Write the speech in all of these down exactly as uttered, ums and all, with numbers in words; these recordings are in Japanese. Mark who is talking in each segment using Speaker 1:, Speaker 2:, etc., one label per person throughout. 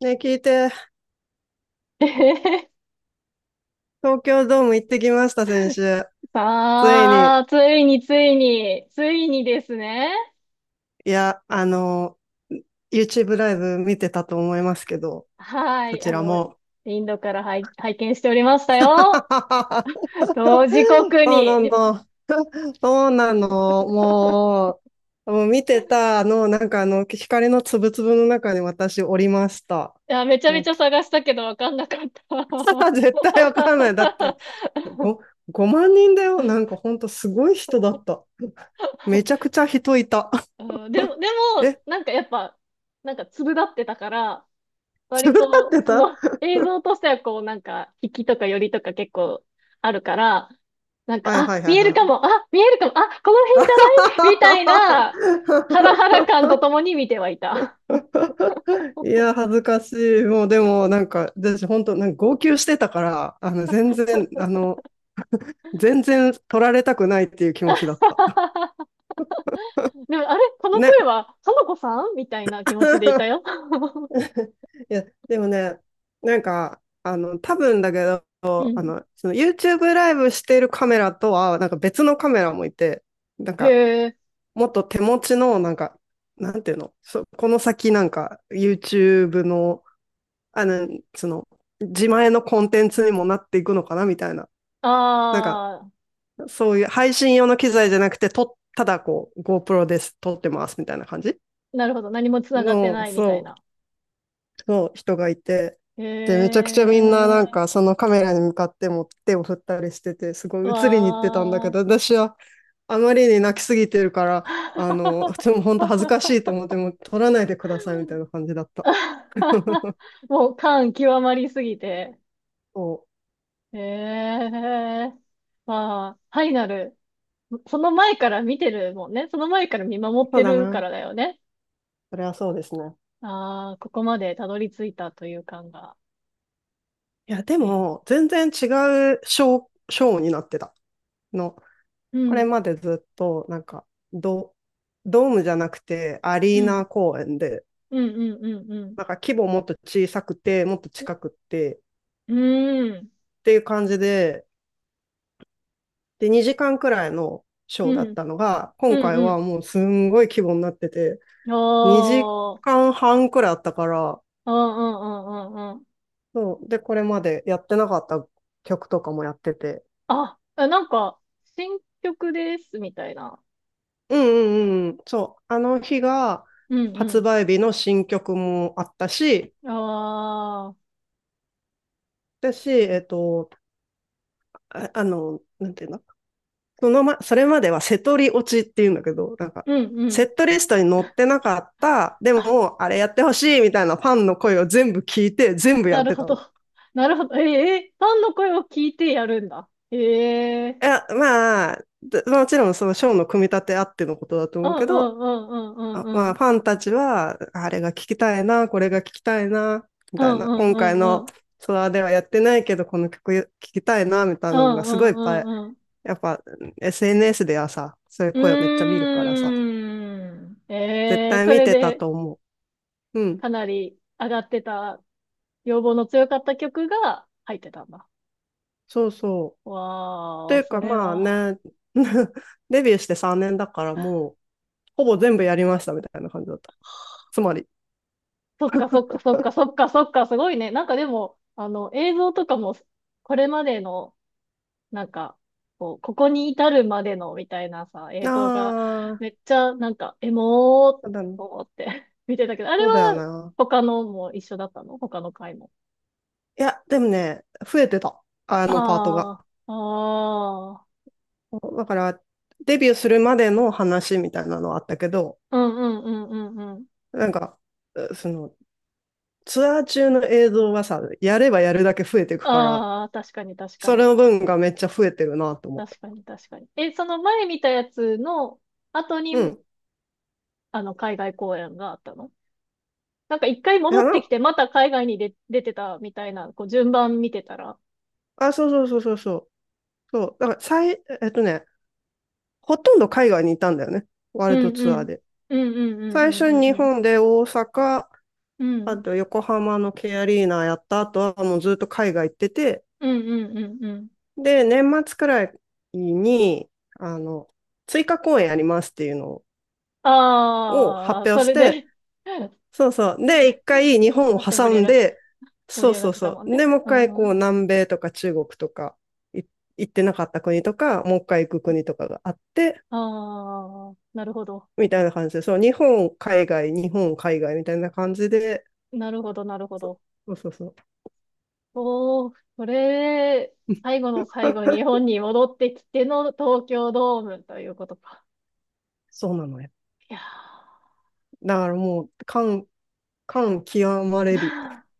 Speaker 1: ね、聞いて、
Speaker 2: えへへ
Speaker 1: 東京ドーム行ってきました、先週。ついに、
Speaker 2: さあ、ついについに、ついにですね。
Speaker 1: いや、あの、YouTube ライブ見てたと思いますけど、
Speaker 2: は
Speaker 1: そ
Speaker 2: い、
Speaker 1: ち
Speaker 2: あ
Speaker 1: ら
Speaker 2: の、
Speaker 1: も。
Speaker 2: インドから拝、拝見しておりましたよ。同時刻
Speaker 1: そうな
Speaker 2: に。い
Speaker 1: の、そうなの、もう、もう見てたあの、なんかあの、光のつぶつぶの中に私おりました。
Speaker 2: や、めちゃ
Speaker 1: も
Speaker 2: めち
Speaker 1: う、
Speaker 2: ゃ探したけどわかんなかった。
Speaker 1: 絶対わかんない。だって、ごごまん人だよ。なんかほんとすごい人だった。めちゃくちゃ人いた。
Speaker 2: うん、でも、で も、
Speaker 1: え、
Speaker 2: なんかやっぱ、なんか粒立ってたから、
Speaker 1: 違っ
Speaker 2: 割と、
Speaker 1: て
Speaker 2: そ
Speaker 1: た
Speaker 2: の映像としてはこうなんか、引きとか寄りとか結構あるから、なんか、
Speaker 1: はいは
Speaker 2: あ、
Speaker 1: いは
Speaker 2: 見
Speaker 1: い
Speaker 2: える
Speaker 1: は
Speaker 2: かも、
Speaker 1: い。
Speaker 2: あ、見えるかも、あ、この辺じゃないみたいな、ハラハラ 感とともに見てはいた。
Speaker 1: いや、恥ずかしい。もうでも、なんか、私本当、なんか号泣してたから、あの、全然、あの、全然取られたくないっていう気持ちだった。
Speaker 2: でも、あれこの
Speaker 1: ね。
Speaker 2: 声は、花子さんみたいな気持ちでいたよ。
Speaker 1: いや、でもね、なんか、あの、多分だけ
Speaker 2: う
Speaker 1: ど、あ
Speaker 2: ん。
Speaker 1: の、その YouTube ライブしてるカメラとは、なんか別のカメラもいて、なんか、
Speaker 2: へえ。
Speaker 1: もっと手持ちの、なんか、なんていうの、そこの先なんか YouTube のあの、その、自前のコンテンツにもなっていくのかなみたいな。なんか、
Speaker 2: ああ、
Speaker 1: そういう配信用の機材じゃなくて、と、ただこう、GoPro です、撮ってます、みたいな感じ
Speaker 2: なるほど。何もつながって
Speaker 1: の、
Speaker 2: ないみたい
Speaker 1: そ
Speaker 2: な。
Speaker 1: う、の人がいて、
Speaker 2: へ
Speaker 1: で、めちゃくちゃみんななん
Speaker 2: え。
Speaker 1: か、そのカメラに向かっても手を振ったりしてて、すごい映りに行ってたんだけ
Speaker 2: わ
Speaker 1: ど、私はあまりに泣きすぎてるから、
Speaker 2: あ。
Speaker 1: あの、でも本当恥ずかし いと思って、もう撮らないでください、みたいな感じだった。
Speaker 2: もう感極まりすぎて。
Speaker 1: そ
Speaker 2: ええ、まあ、ファイナル、その前から見てるもんね。その前から見
Speaker 1: う、
Speaker 2: 守っ
Speaker 1: そう
Speaker 2: て
Speaker 1: だ
Speaker 2: るか
Speaker 1: な。
Speaker 2: らだよね。
Speaker 1: それはそうですね。
Speaker 2: ああ、ここまでたどり着いたという感が。
Speaker 1: いや、で
Speaker 2: ええ、
Speaker 1: も、全然違うショー、ショーになってたの。
Speaker 2: う
Speaker 1: これ
Speaker 2: ん、
Speaker 1: までずっと、なんか、ド、ドームじゃなくて、アリー
Speaker 2: うん、
Speaker 1: ナ公演で、
Speaker 2: うん、うん、うん、うん。
Speaker 1: なんか規模もっと小さくて、もっと近くって、っ
Speaker 2: うん、
Speaker 1: ていう感じで、で、にじかんくらいのショー
Speaker 2: う
Speaker 1: だっ
Speaker 2: ん、
Speaker 1: たのが、今
Speaker 2: う
Speaker 1: 回
Speaker 2: ん、
Speaker 1: は
Speaker 2: う
Speaker 1: もうすんごい規模になってて、
Speaker 2: ん。
Speaker 1: 2
Speaker 2: おー、
Speaker 1: 時間半くらいあったから、
Speaker 2: うん、うん、うん、うん。うん、
Speaker 1: そう、で、これまでやってなかった曲とかもやってて、
Speaker 2: あ、あなんか、新曲です、みたいな。
Speaker 1: うんうんうん。そう。あの日が
Speaker 2: うん、
Speaker 1: 発
Speaker 2: う
Speaker 1: 売日の新曲もあったし、
Speaker 2: ん。ああ、
Speaker 1: だし、えっと、あ、あの、なんていうのそのま、それまではセトリ落ちっていうんだけど、なんか、
Speaker 2: うん、う
Speaker 1: セ
Speaker 2: ん。
Speaker 1: ットリストに載ってなかった、で
Speaker 2: あ、
Speaker 1: も、あれやってほしいみたいなファンの声を全部聞いて、全部や
Speaker 2: な
Speaker 1: っ
Speaker 2: る
Speaker 1: て
Speaker 2: ほ
Speaker 1: たの。
Speaker 2: ど。なるほど。え、ええファンの声を聞いてやるんだ。ええ、
Speaker 1: いや、まあ、でもちろんそのショーの組み立てあってのことだと
Speaker 2: う
Speaker 1: 思う
Speaker 2: ん
Speaker 1: け
Speaker 2: う
Speaker 1: ど、
Speaker 2: んうんうん
Speaker 1: あ
Speaker 2: うん
Speaker 1: ま
Speaker 2: う
Speaker 1: あ、
Speaker 2: ん。
Speaker 1: ファンたちは、あれが聞きたいな、これが聞きたいな、み
Speaker 2: う
Speaker 1: たい
Speaker 2: んう
Speaker 1: な、
Speaker 2: ん
Speaker 1: 今回
Speaker 2: うんう
Speaker 1: の
Speaker 2: ん。
Speaker 1: ツアーではやってないけど、この曲聞きたいな、みたい
Speaker 2: う
Speaker 1: なのが
Speaker 2: んう
Speaker 1: すごいいっぱ
Speaker 2: ん
Speaker 1: い、
Speaker 2: うんうん。
Speaker 1: やっぱ エスエヌエス ではさ、そういう
Speaker 2: う
Speaker 1: 声をめっちゃ見るからさ、
Speaker 2: ーん。
Speaker 1: 絶
Speaker 2: ええ、
Speaker 1: 対
Speaker 2: そ
Speaker 1: 見
Speaker 2: れ
Speaker 1: てた
Speaker 2: で
Speaker 1: と思う。うん、
Speaker 2: かなり上がってた、要望の強かった曲が入ってたんだ。
Speaker 1: そうそう。と
Speaker 2: わ
Speaker 1: い
Speaker 2: ー、
Speaker 1: う
Speaker 2: そ
Speaker 1: か
Speaker 2: れ
Speaker 1: まあ
Speaker 2: は。
Speaker 1: ね、デビューしてさんねんだからもう、ほぼ全部やりましたみたいな感じだった。つまり。
Speaker 2: そっかそっかそっかそっかそっか、すごいね。なんかでも、あの、映像とかも、これまでのなんか、こう、ここに至るまでのみたいなさ、
Speaker 1: あ
Speaker 2: 映像が、め
Speaker 1: あ、
Speaker 2: っちゃ、なんか、エモーっ
Speaker 1: そうだね
Speaker 2: と思って 見てたけど、あれ
Speaker 1: そうだよ
Speaker 2: は、
Speaker 1: な。
Speaker 2: 他のも一緒だったの、他の回も。
Speaker 1: いや、でもね、増えてた。あのパートが。
Speaker 2: ああ、ああ、
Speaker 1: だから、デビューするまでの話みたいなのはあったけど、
Speaker 2: うんうんうんうんうん。
Speaker 1: なんか、その、ツアー中の映像はさ、やればやるだけ増えていくから、
Speaker 2: ああ、確かに確か
Speaker 1: それ
Speaker 2: に。
Speaker 1: の分がめっちゃ増えてるなと思った。
Speaker 2: 確かに確かに。え、その前見たやつの後に、
Speaker 1: うん。
Speaker 2: あの、海外公演があったの、なんか一回
Speaker 1: い
Speaker 2: 戻
Speaker 1: や、
Speaker 2: ってき
Speaker 1: な、
Speaker 2: て、また海外に出、出てたみたいな、こう、順番見てたら、
Speaker 1: あ、そうそうそうそうそう。そう。だから、最、えっとね、ほとんど海外にいたんだよね。ワー
Speaker 2: う
Speaker 1: ルド
Speaker 2: ん
Speaker 1: ツ
Speaker 2: う
Speaker 1: アー
Speaker 2: ん。
Speaker 1: で。
Speaker 2: うんうんうん
Speaker 1: 最
Speaker 2: う
Speaker 1: 初
Speaker 2: んう
Speaker 1: に
Speaker 2: ん
Speaker 1: 日
Speaker 2: うん。
Speaker 1: 本で大阪、
Speaker 2: う
Speaker 1: あ
Speaker 2: ん
Speaker 1: と横浜のケアリーナやった後はもうずっと海外行ってて、
Speaker 2: うんうんうんうん。
Speaker 1: で、年末くらいに、あの、追加公演ありますっていうのを
Speaker 2: ああ、
Speaker 1: 発
Speaker 2: そ
Speaker 1: 表し
Speaker 2: れ
Speaker 1: て、
Speaker 2: で
Speaker 1: そうそう。
Speaker 2: それで
Speaker 1: で、一回日
Speaker 2: わ
Speaker 1: 本を
Speaker 2: ーって盛
Speaker 1: 挟
Speaker 2: り上
Speaker 1: ん
Speaker 2: がってた。
Speaker 1: で、
Speaker 2: 盛
Speaker 1: そ
Speaker 2: り
Speaker 1: う
Speaker 2: 上がっ
Speaker 1: そう
Speaker 2: てた
Speaker 1: そ
Speaker 2: もん
Speaker 1: う。で、
Speaker 2: ね。
Speaker 1: もう一
Speaker 2: う
Speaker 1: 回こ
Speaker 2: んう
Speaker 1: う
Speaker 2: ん。
Speaker 1: 南米とか中国とかい行ってなかった国とか、もう一回行く国とかがあって、
Speaker 2: ああ、なるほど。
Speaker 1: みたいな感じで、そう、日本、海外、日本、海外みたいな感じで、
Speaker 2: なるほど、なるほ
Speaker 1: そ
Speaker 2: ど。
Speaker 1: うそうそうそう。
Speaker 2: おー、これ、最後の最後、日本に戻ってきての東京ドームということか。
Speaker 1: そうなのよ。
Speaker 2: いや
Speaker 1: だからもう、感、感極まれり、
Speaker 2: ー。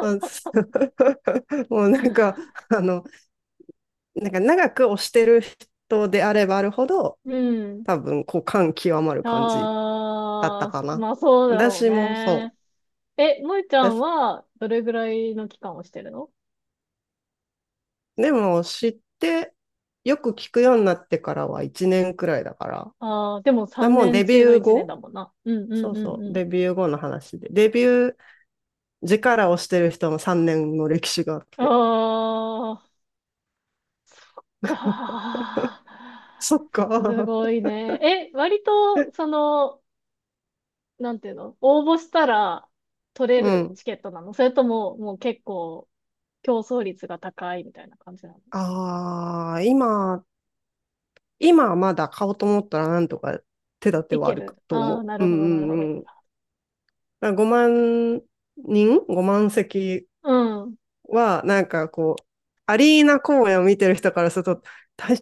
Speaker 1: あそう もうなんか、あの、なんか長く推してる人であればあるほど、
Speaker 2: うん。
Speaker 1: 多分、こう、感極まる感じだった
Speaker 2: ああ、
Speaker 1: かな。
Speaker 2: まあそうだろう
Speaker 1: 私もそ
Speaker 2: ね。
Speaker 1: う。
Speaker 2: え、萌ちゃん
Speaker 1: 私
Speaker 2: はどれぐらいの期間をしてるの？
Speaker 1: でも、知って、よく聞くようになってからはいちねんくらいだから。
Speaker 2: ああー、でも
Speaker 1: だ
Speaker 2: 3
Speaker 1: もう
Speaker 2: 年
Speaker 1: デビ
Speaker 2: 中の
Speaker 1: ュー
Speaker 2: いちねん
Speaker 1: 後
Speaker 2: だもんな。うんう
Speaker 1: そ
Speaker 2: ん
Speaker 1: う
Speaker 2: うん
Speaker 1: そ
Speaker 2: う
Speaker 1: う、
Speaker 2: ん。
Speaker 1: デビュー後の話で。デビュー時から推してる人もさんねんの歴史があっ
Speaker 2: あ
Speaker 1: て。
Speaker 2: あ、か
Speaker 1: そっか。
Speaker 2: ーすごいね。え、割と、その、なんていうの、応募したら取 れ
Speaker 1: う
Speaker 2: る
Speaker 1: ん。
Speaker 2: チケットなの、それとも、もう結構競争率が高いみたいな感じなの？
Speaker 1: ああ、今、今はまだ買おうと思ったらなんとか手立て
Speaker 2: い
Speaker 1: はあ
Speaker 2: け
Speaker 1: る
Speaker 2: る、
Speaker 1: と
Speaker 2: ああー、
Speaker 1: 思
Speaker 2: な
Speaker 1: う。う
Speaker 2: るほ
Speaker 1: ん
Speaker 2: どなる
Speaker 1: う
Speaker 2: ほど。
Speaker 1: んうん。だかごまん人 ?ご 万席
Speaker 2: うん。
Speaker 1: は、なんかこう、アリーナ公演を見てる人からすると、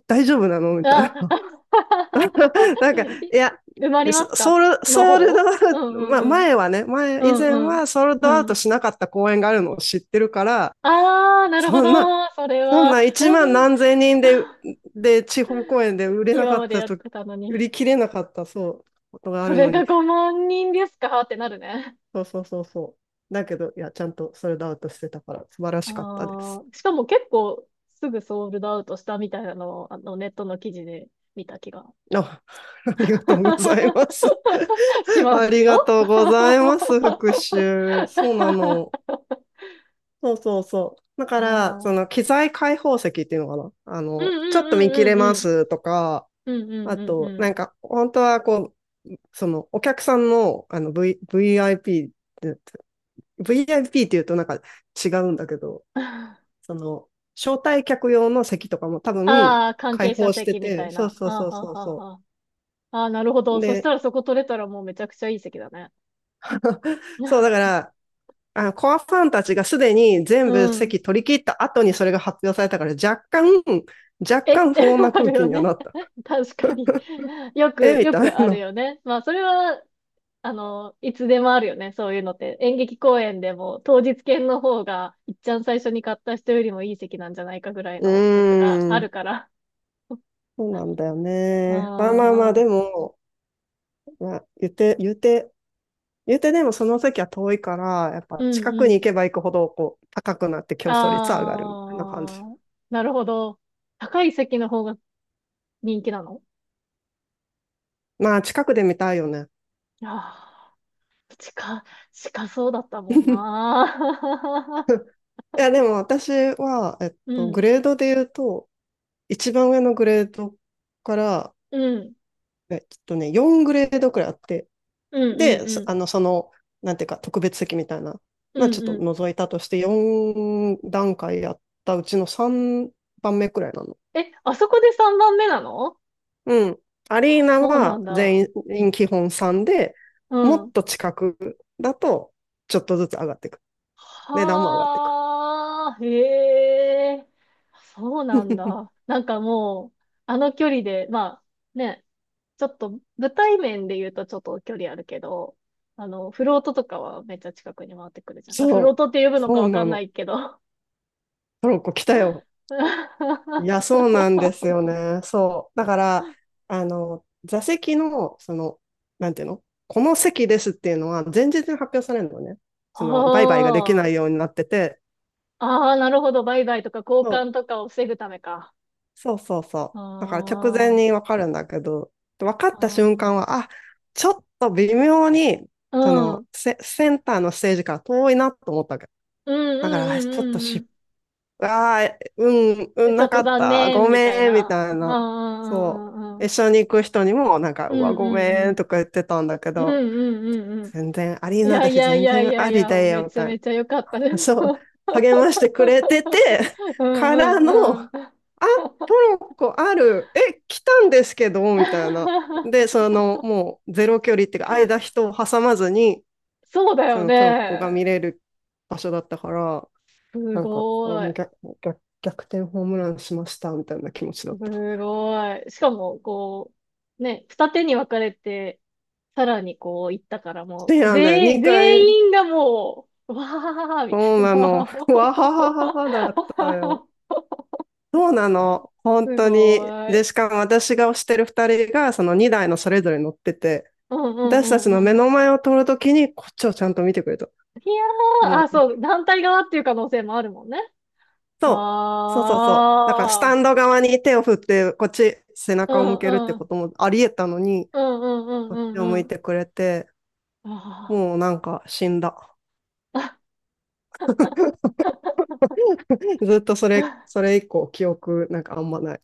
Speaker 1: 大丈夫なのみたいな。
Speaker 2: あ、
Speaker 1: なんか、い
Speaker 2: い、
Speaker 1: や、
Speaker 2: 埋まりますか
Speaker 1: ソール、
Speaker 2: の
Speaker 1: ソールド
Speaker 2: 方。
Speaker 1: アウ
Speaker 2: うん
Speaker 1: ト、
Speaker 2: う
Speaker 1: ま、
Speaker 2: んうん。
Speaker 1: 前はね、
Speaker 2: う
Speaker 1: 前、以
Speaker 2: ん
Speaker 1: 前
Speaker 2: うん。
Speaker 1: はソールド
Speaker 2: う
Speaker 1: アウト
Speaker 2: ん。
Speaker 1: しなかった公演があるのを知ってるから、
Speaker 2: ああ、なるほ
Speaker 1: そ
Speaker 2: ど。
Speaker 1: んな、
Speaker 2: それ
Speaker 1: そん
Speaker 2: は、
Speaker 1: な いちまん
Speaker 2: うん、
Speaker 1: 何千人で、で、地方公演で売れな
Speaker 2: 今
Speaker 1: かっ
Speaker 2: まで
Speaker 1: た
Speaker 2: やっ
Speaker 1: と、
Speaker 2: てたの
Speaker 1: 売
Speaker 2: に。
Speaker 1: り切れなかった、そう、ことがあ
Speaker 2: そ
Speaker 1: る
Speaker 2: れ
Speaker 1: のに、
Speaker 2: がごまん人ですかってなるね。
Speaker 1: そうそうそうそう。だけど、いや、ちゃんとソールドアウトしてたから素晴らしかったで
Speaker 2: あ
Speaker 1: す。
Speaker 2: あ、しかも結構すぐソールドアウトしたみたいなのを、あの、ネットの記事で見た気が
Speaker 1: あ、ありがとうございます。
Speaker 2: し ま
Speaker 1: あ
Speaker 2: す
Speaker 1: り
Speaker 2: よ。
Speaker 1: がとうございま す、復習。そうなの。そうそうそう。だか
Speaker 2: あ
Speaker 1: ら、その
Speaker 2: あ。
Speaker 1: 機材開放席っていうのかな。あ
Speaker 2: うん
Speaker 1: の、ちょっと見切
Speaker 2: うんう
Speaker 1: れ
Speaker 2: ん
Speaker 1: ま
Speaker 2: うんうん。
Speaker 1: すとか、
Speaker 2: うんう
Speaker 1: あ
Speaker 2: んうん
Speaker 1: と、
Speaker 2: う
Speaker 1: な
Speaker 2: ん。
Speaker 1: んか、本当はこう、そのお客さんの、あの、v、ブイアイピー って、ブイアイピー って言うとなんか違うんだけど、その、招待客用の席とかも多分
Speaker 2: ああ、関
Speaker 1: 開
Speaker 2: 係者
Speaker 1: 放して
Speaker 2: 席みた
Speaker 1: て、
Speaker 2: い
Speaker 1: そう
Speaker 2: な。
Speaker 1: そ
Speaker 2: あ
Speaker 1: う
Speaker 2: あ、
Speaker 1: そう
Speaker 2: はあ
Speaker 1: そう
Speaker 2: はあ
Speaker 1: そ
Speaker 2: はあ。ああ、なるほど。
Speaker 1: う。
Speaker 2: そした
Speaker 1: で、
Speaker 2: らそこ取れたらもうめちゃくちゃいい席だね。
Speaker 1: そうだか ら、あの、コアファンたちがすでに
Speaker 2: う
Speaker 1: 全部
Speaker 2: ん。
Speaker 1: 席取り切った後にそれが発表されたから若干、若
Speaker 2: えっ
Speaker 1: 干
Speaker 2: て
Speaker 1: 不穏な
Speaker 2: あ
Speaker 1: 空
Speaker 2: る
Speaker 1: 気
Speaker 2: よ
Speaker 1: には
Speaker 2: ね。
Speaker 1: なった。
Speaker 2: 確かに。よ
Speaker 1: え
Speaker 2: く、
Speaker 1: み
Speaker 2: よ
Speaker 1: た
Speaker 2: く
Speaker 1: い
Speaker 2: ある
Speaker 1: な。
Speaker 2: よね。まあ、それは、あの、いつでもあるよね。そういうのって。演劇公演でも、当日券の方が、いっちゃん最初に買った人よりもいい席なんじゃないかぐら い
Speaker 1: う
Speaker 2: の時とか
Speaker 1: ー
Speaker 2: あ
Speaker 1: ん。
Speaker 2: るから。
Speaker 1: そうなんだよね。まあまあまあ、
Speaker 2: ああ、
Speaker 1: でも、まあ、言って、言って、言ってでもその席は遠いから、やっ
Speaker 2: う
Speaker 1: ぱ
Speaker 2: ん
Speaker 1: 近く
Speaker 2: う
Speaker 1: に行
Speaker 2: ん、
Speaker 1: けば行くほど、こう、高くなって競争率は上がるみたいな感じ。
Speaker 2: あー、なるほど。高い席の方が人気なの？
Speaker 1: まあ、近くで見たいよね。
Speaker 2: ああー、近、近そうだったもん な。
Speaker 1: いや、でも私は、えっ
Speaker 2: う
Speaker 1: と、グ
Speaker 2: ん、
Speaker 1: レードで言うと、一番上のグレードから、
Speaker 2: うん、
Speaker 1: えっとね、よんグレードくらいあって、
Speaker 2: うん、うん、
Speaker 1: で、
Speaker 2: う
Speaker 1: そ
Speaker 2: ん、
Speaker 1: あの、その、なんていうか、特別席みたいな、
Speaker 2: う
Speaker 1: まあ、ちょ
Speaker 2: ん、
Speaker 1: っと
Speaker 2: うん。
Speaker 1: 覗いたとして、よん段階やったうちのさんばんめくらいなの。
Speaker 2: え、あそこでさんばんめなの？
Speaker 1: うん。アリ
Speaker 2: あ、
Speaker 1: ーナ
Speaker 2: そうな
Speaker 1: は
Speaker 2: んだ。
Speaker 1: 全員基本さんで、
Speaker 2: う
Speaker 1: もっ
Speaker 2: ん。
Speaker 1: と近くだと、ちょっとずつ上がっていく。値段も上がっていく。
Speaker 2: はあ、へえ、そうなんだ。なんかもう、あの距離で、まあ、ね、ちょっと舞台面で言うとちょっと距離あるけど、あの、フロートとかはめっちゃ近くに回ってくるじゃん。あ、フ
Speaker 1: そ
Speaker 2: ロー
Speaker 1: う。
Speaker 2: トって呼ぶの
Speaker 1: そ
Speaker 2: か
Speaker 1: う
Speaker 2: わか
Speaker 1: な
Speaker 2: んな
Speaker 1: の。
Speaker 2: いけど。
Speaker 1: トロッコ来たよ。いや、
Speaker 2: あ
Speaker 1: そうなんですよね。そう。だから、あの、座席の、その、なんていうのこの席ですっていうのは、前日に発表されるのね。その、売買ができな
Speaker 2: あ、
Speaker 1: いようになってて、
Speaker 2: ああ、なるほど。売買とか交
Speaker 1: そう、
Speaker 2: 換とかを防ぐためか。
Speaker 1: そうそうそう。だから直前
Speaker 2: ああ、
Speaker 1: にわかるんだけど、分かっ
Speaker 2: あ
Speaker 1: た瞬間
Speaker 2: あ、
Speaker 1: は、あ、ちょっと微妙に、
Speaker 2: う
Speaker 1: そ
Speaker 2: ん、う
Speaker 1: の
Speaker 2: ん、
Speaker 1: セ、センターのステージから遠いなと思ったわけ。
Speaker 2: うん、
Speaker 1: だから、あ
Speaker 2: う
Speaker 1: ちょっと
Speaker 2: ん、うん、
Speaker 1: 失
Speaker 2: う
Speaker 1: ああ、うん、う
Speaker 2: ん。
Speaker 1: ん、
Speaker 2: ちょ
Speaker 1: な
Speaker 2: っ
Speaker 1: か
Speaker 2: と
Speaker 1: っ
Speaker 2: 残
Speaker 1: た、
Speaker 2: 念、
Speaker 1: ご
Speaker 2: みたい
Speaker 1: めん、み
Speaker 2: な。
Speaker 1: たい
Speaker 2: ああ、
Speaker 1: な。
Speaker 2: う
Speaker 1: そ
Speaker 2: ん、う
Speaker 1: う。一
Speaker 2: ん、
Speaker 1: 緒に行く人にも、なんか、
Speaker 2: う
Speaker 1: うわ、
Speaker 2: ん、
Speaker 1: ごめ
Speaker 2: う
Speaker 1: ん、
Speaker 2: ん、
Speaker 1: とか言ってたんだけ
Speaker 2: うん、う
Speaker 1: ど、
Speaker 2: ん、うん、うん、うん、うん、うん、うん、
Speaker 1: 全然アリー
Speaker 2: い
Speaker 1: ナ
Speaker 2: や
Speaker 1: だ
Speaker 2: い
Speaker 1: し、
Speaker 2: やい
Speaker 1: 全
Speaker 2: やい
Speaker 1: 然
Speaker 2: や
Speaker 1: あ
Speaker 2: い
Speaker 1: り
Speaker 2: や、
Speaker 1: だ
Speaker 2: め
Speaker 1: よ、み
Speaker 2: ちゃ
Speaker 1: たい
Speaker 2: めちゃ良かったです。
Speaker 1: な。そう。励ましてくれてて、
Speaker 2: うん
Speaker 1: から
Speaker 2: う
Speaker 1: の、
Speaker 2: んうん。
Speaker 1: あ、トロッコある、え、来たんですけど、みたいな。で、その、もう、ゼロ距離っていうか、間人を挟まずに、
Speaker 2: そうだ
Speaker 1: そ
Speaker 2: よ
Speaker 1: のトロッコが
Speaker 2: ね。
Speaker 1: 見れる場所だったから、
Speaker 2: す
Speaker 1: なんか、あ、
Speaker 2: ご
Speaker 1: もう
Speaker 2: い。
Speaker 1: 逆、逆、逆転ホームランしましたみたいな気持ちだ
Speaker 2: す
Speaker 1: った。
Speaker 2: ごい。しかも、こう、ね、二手に分かれて、さらにこう行ったから も
Speaker 1: い
Speaker 2: う、
Speaker 1: やね、
Speaker 2: 全員、
Speaker 1: にかい、
Speaker 2: 全員がもう、わーみた
Speaker 1: そう
Speaker 2: い
Speaker 1: なの。
Speaker 2: な。
Speaker 1: わははははだったよ。そうな の。本
Speaker 2: す
Speaker 1: 当に。
Speaker 2: ごい。
Speaker 1: で、しかも私が推してるふたりが、そのにだいのそれぞれ乗ってて、
Speaker 2: うんう
Speaker 1: 私たちの
Speaker 2: んう
Speaker 1: 目
Speaker 2: ん、
Speaker 1: の前を通るときに、こっちをちゃんと見てくれた。
Speaker 2: いやー、
Speaker 1: も
Speaker 2: あ、
Speaker 1: う、
Speaker 2: そう、団体側っていう可能性もあるもんね。
Speaker 1: そう、そうそうそう。だから、ス
Speaker 2: あ
Speaker 1: タ
Speaker 2: あ、
Speaker 1: ンド側に手を振って、こっち背
Speaker 2: う
Speaker 1: 中を向けるっ
Speaker 2: ん
Speaker 1: て
Speaker 2: う
Speaker 1: こ
Speaker 2: ん、
Speaker 1: ともあり得たのに、
Speaker 2: うんうんうん
Speaker 1: こっち
Speaker 2: う
Speaker 1: を
Speaker 2: んう
Speaker 1: 向い
Speaker 2: ん。
Speaker 1: てくれて、
Speaker 2: あ
Speaker 1: もうなんか死んだ。
Speaker 2: あ。
Speaker 1: ずっとそれ、そ れ以降記憶なんかあんまない。